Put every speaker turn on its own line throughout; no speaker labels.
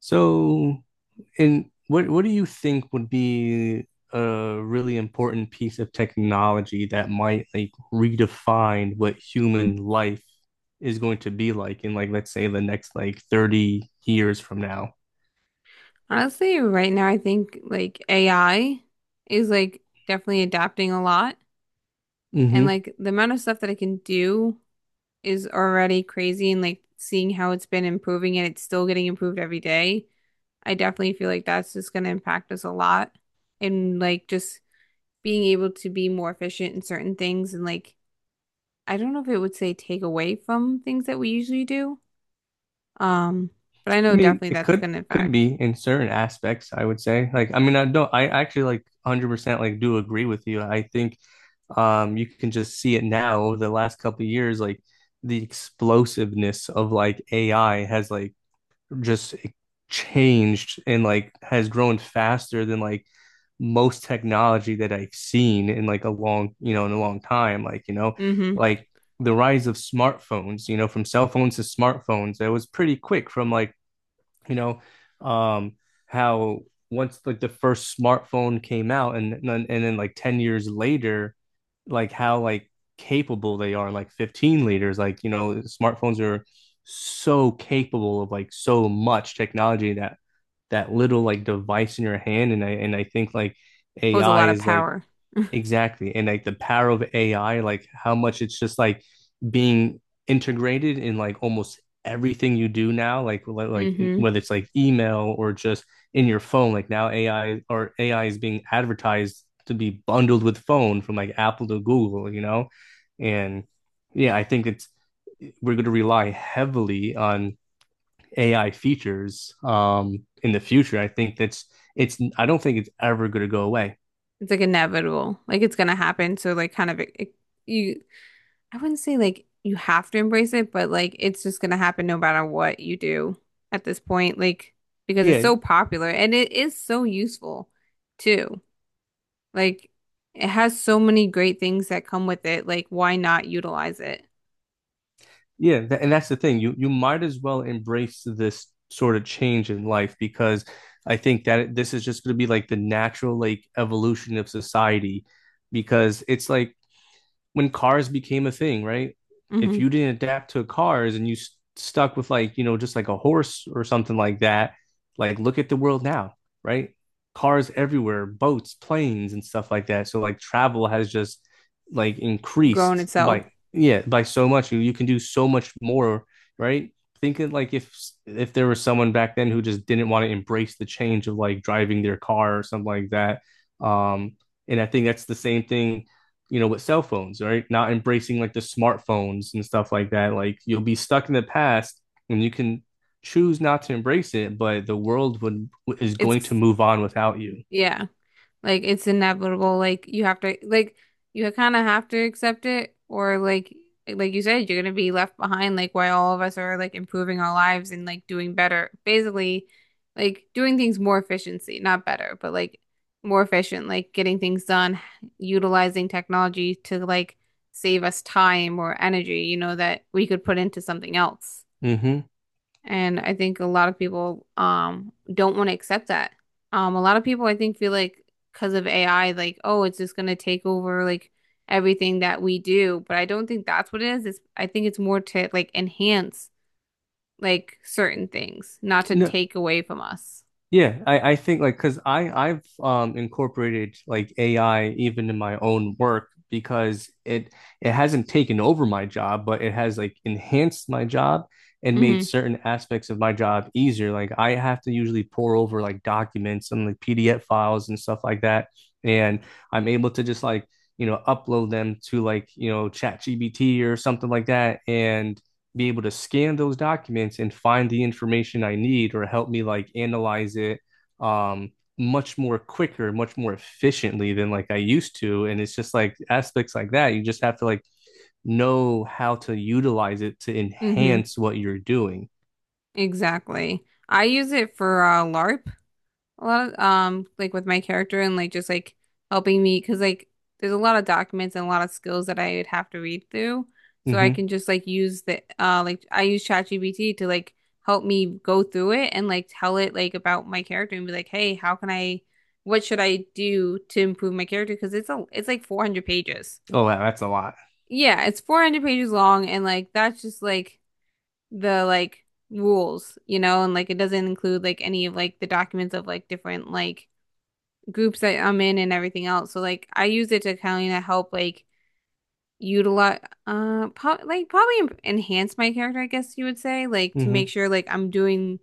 So, and what do you think would be a really important piece of technology that might like redefine what human life is going to be like in like let's say the next like 30 years from now?
Honestly, right now I think like AI is like definitely adapting a lot. And
Hmm.
like the amount of stuff that I can do is already crazy and like seeing how it's been improving and it's still getting improved every day. I definitely feel like that's just going to impact us a lot and like just being able to be more efficient in certain things and like I don't know if it would say take away from things that we usually do. Um, but I know
I mean,
definitely
it
that's
could
going to
could
impact.
be in certain aspects, I would say. Like, I mean, I don't, I actually like 100% like do agree with you. I think you can just see it now over the last couple of years, like the explosiveness of like AI has like just changed and like has grown faster than like most technology that I've seen in like a long, in a long time. Like, you know,
Mm-hmm.
like the rise of smartphones, you know, from cell phones to smartphones, that was pretty quick from like, you know, um, how once like the first smartphone came out and then like 10 years later, like how like capable they are, like 15 liters, like you know, smartphones are so capable of like so much technology that that little like device in your hand. And I think like
Pose a
AI
lot of
is like.
power.
Exactly. And like the power of AI, like how much it's just like being integrated in like almost everything you do now, like
Mm-hmm.
whether it's like email or just in your phone, like now AI is being advertised to be bundled with phone from like Apple to Google, you know? And yeah, I think it's we're going to rely heavily on AI features in the future. I think that's it's I don't think it's ever going to go away.
It's like inevitable. Like it's gonna happen. So like kind of you I wouldn't say like you have to embrace it, but like it's just gonna happen no matter what you do at this point. Like because it's
Yeah.
so popular and it is so useful too. Like it has so many great things that come with it. Like why not utilize it?
And that's the thing. You might as well embrace this sort of change in life, because I think that this is just going to be like the natural like evolution of society, because it's like when cars became a thing, right? If
Hmm
you didn't adapt to cars and you stuck with like, you know, just like a horse or something like that, like look at the world now, right? Cars everywhere, boats, planes, and stuff like that. So like travel has just like
Grown
increased
itself.
by, yeah, by so much. You can do so much more, right? Thinking like if there was someone back then who just didn't want to embrace the change of like driving their car or something like that. Um, and I think that's the same thing, you know, with cell phones, right? Not embracing like the smartphones and stuff like that. Like you'll be stuck in the past, and you can choose not to embrace it, but the world would is going
It's
to move on without you.
Yeah. Like it's inevitable. Like you have to like you kind of have to accept it, or like you said you're gonna be left behind like while all of us are like improving our lives and like doing better. Basically like doing things more efficiency, not better, but like more efficient, like getting things done, utilizing technology to like save us time or energy, that we could put into something else.
Hmm.
And I think a lot of people don't want to accept that. A lot of people I think feel like because of AI, like, oh, it's just gonna take over like everything that we do. But I don't think that's what it is. It's I think it's more to like enhance like certain things, not to
No.
take away from us.
Yeah, I think like because I've incorporated like AI even in my own work, because it hasn't taken over my job, but it has like enhanced my job and made
Mm-hmm.
certain aspects of my job easier. Like I have to usually pour over like documents and like PDF files and stuff like that, and I'm able to just like, you know, upload them to like, you know, ChatGPT or something like that, and be able to scan those documents and find the information I need, or help me like analyze it um much more quicker, much more efficiently than like I used to. And it's just like aspects like that. You just have to like know how to utilize it to
Mm-hmm.
enhance what you're doing.
Exactly. I use it for LARP, a lot of like with my character and like just like helping me because like there's a lot of documents and a lot of skills that I would have to read through, so I
Hmm.
can just like use the like I use ChatGPT to like help me go through it and like tell it like about my character and be like hey how can I what should I do to improve my character because it's like 400 pages.
Oh, wow, that's a lot.
Yeah, it's 400 pages long and like that's just like the like rules, and like it doesn't include like any of like the documents of like different like groups that I'm in and everything else. So like I use it to kind of help like utilize pro like probably enhance my character, I guess you would say, like to make
Hmm.
sure like I'm doing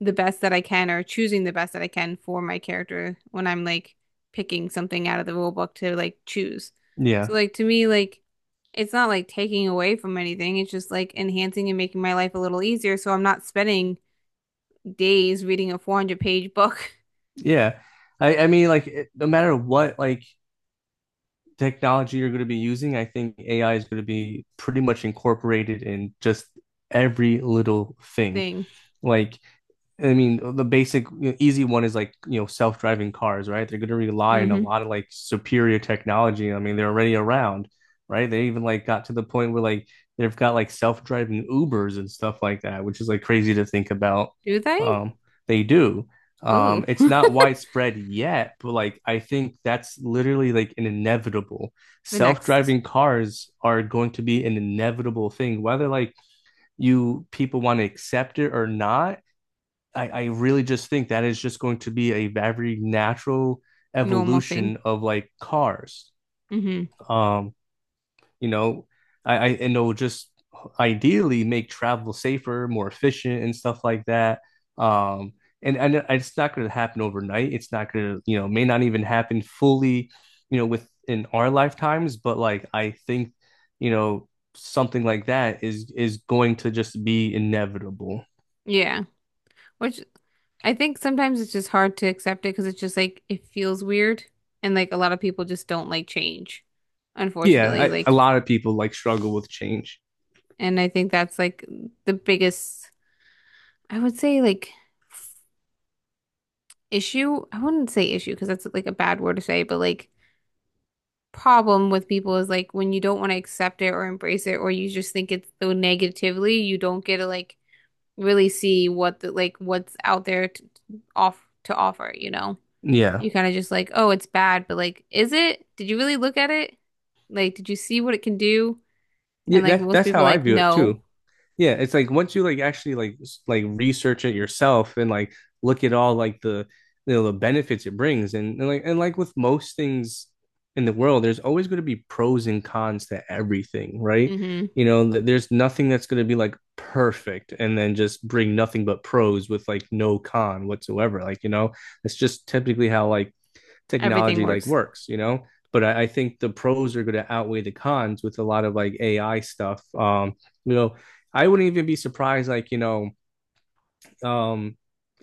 the best that I can or choosing the best that I can for my character when I'm like picking something out of the rule book to like choose. So
Yeah.
like to me like it's not like taking away from anything. It's just like enhancing and making my life a little easier so I'm not spending days reading a 400-page book.
Yeah. I mean, like, it, no matter what, like, technology you're going to be using, I think AI is going to be pretty much incorporated in just every little thing.
Thing.
Like, I mean, the basic, you know, easy one is like, you know, self-driving cars, right? They're going to rely on a
Hmm
lot of like superior technology. I mean, they're already around, right? They even like got to the point where like they've got like self-driving Ubers and stuff like that, which is like crazy to think about.
Do they?
Um, they do.
Ooh.
It's not widespread yet, but like I think that's literally like an inevitable.
The next
Self-driving cars are going to be an inevitable thing, whether like you people want to accept it or not. I really just think that is just going to be a very natural
normal thing.
evolution of like cars.
Hmm
Um, you know, I and it'll just ideally make travel safer, more efficient, and stuff like that. Um, and it's not going to happen overnight. It's not going to, you know, may not even happen fully, you know, within our lifetimes. But like I think, you know, something like that is going to just be inevitable.
Yeah. Which I think sometimes it's just hard to accept it because it's just like it feels weird and like a lot of people just don't like change,
Yeah,
unfortunately.
a
Like,
lot of people like struggle with change.
and I think that's like the biggest, I would say like issue. I wouldn't say issue because that's like a bad word to say, but like problem with people is like when you don't want to accept it or embrace it or you just think it's so negatively, you don't get to like really see what the like what's out there to offer,
Yeah.
You kind of just like, oh, it's bad, but like, is it? Did you really look at it? Like, did you see what it can do? And
Yeah,
like
that
most
that's
people are
how I
like,
view it
no.
too. Yeah, it's like once you like actually like research it yourself and like look at all like the you know, the benefits it brings. And like, and like with most things in the world, there's always going to be pros and cons to everything, right?
Mm-hmm.
You know, there's nothing that's going to be like perfect and then just bring nothing but pros with like no con whatsoever. Like, you know, that's just typically how like
Everything
technology like
works.
works, you know. But I think the pros are going to outweigh the cons with a lot of like AI stuff. You know, I wouldn't even be surprised, like, you know, um,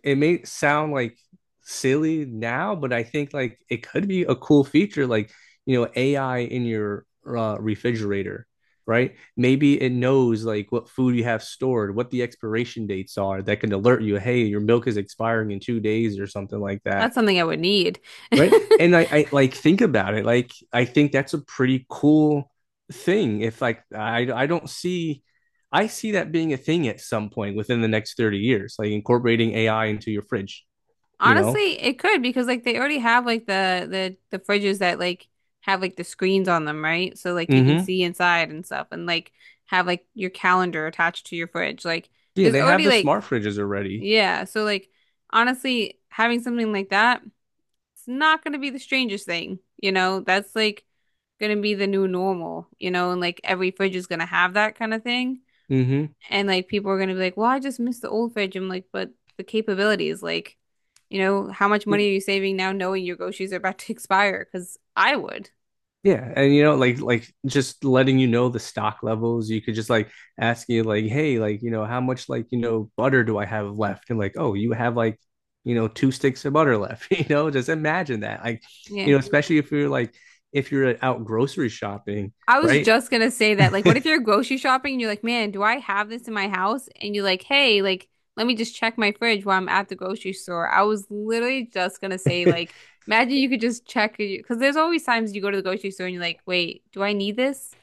it may sound like silly now, but I think like it could be a cool feature, like, you know, AI in your refrigerator, right? Maybe it knows like what food you have stored, what the expiration dates are, that can alert you, hey, your milk is expiring in 2 days or something like that,
That's something I would need.
right? And I like think about it, like I think that's a pretty cool thing, if like I don't see. I see that being a thing at some point within the next 30 years, like incorporating ai into your fridge, you know.
Honestly, it could because like they already have like the fridges that like have like the screens on them, right? So like you can
Mm-hmm.
see inside and stuff, and like have like your calendar attached to your fridge. Like
Yeah,
there's
they have
already
the
like
smart fridges already.
yeah, so like honestly, having something like that, it's not going to be the strangest thing, That's like going to be the new normal, And like every fridge is going to have that kind of thing.
Mm-hmm.
And like people are going to be like, "Well, I just miss the old fridge." I'm like, "But the capabilities, like, you know, how much
Yeah.
money are you saving now knowing your groceries are about to expire?" 'Cause I would.
Yeah, and you know, like just letting you know the stock levels. You could just like ask you like, hey, like you know, how much like you know butter do I have left? And like, oh, you have like you know two sticks of butter left. You know, just imagine that. Like,
Yeah.
you know, especially if you're like if you're out grocery shopping,
I was
right?
just gonna say that, like, what if you're grocery shopping and you're like, man, do I have this in my house? And you're like, hey, like, let me just check my fridge while I'm at the grocery store. I was literally just gonna say, like, imagine you could just check, because there's always times you go to the grocery store and you're like, wait, do I need this?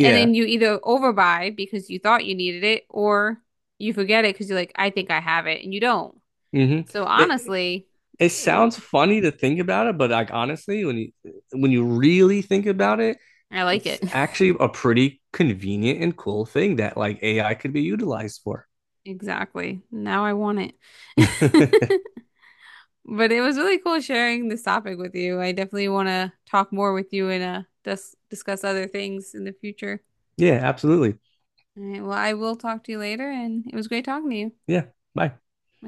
And then you either overbuy because you thought you needed it, or you forget it because you're like, I think I have it, and you don't.
Hmm.
So honestly,
It
it wouldn't-
sounds funny to think about it, but like honestly, when you really think about it,
I like
it's
it.
actually a pretty convenient and cool thing that like AI could be utilized for.
Exactly. Now I want it. But it was really cool sharing this topic with you. I definitely want to talk more with you and discuss other things in the future.
Yeah, absolutely.
All right, well, I will talk to you later, and it was great talking to you.
Yeah. Bye.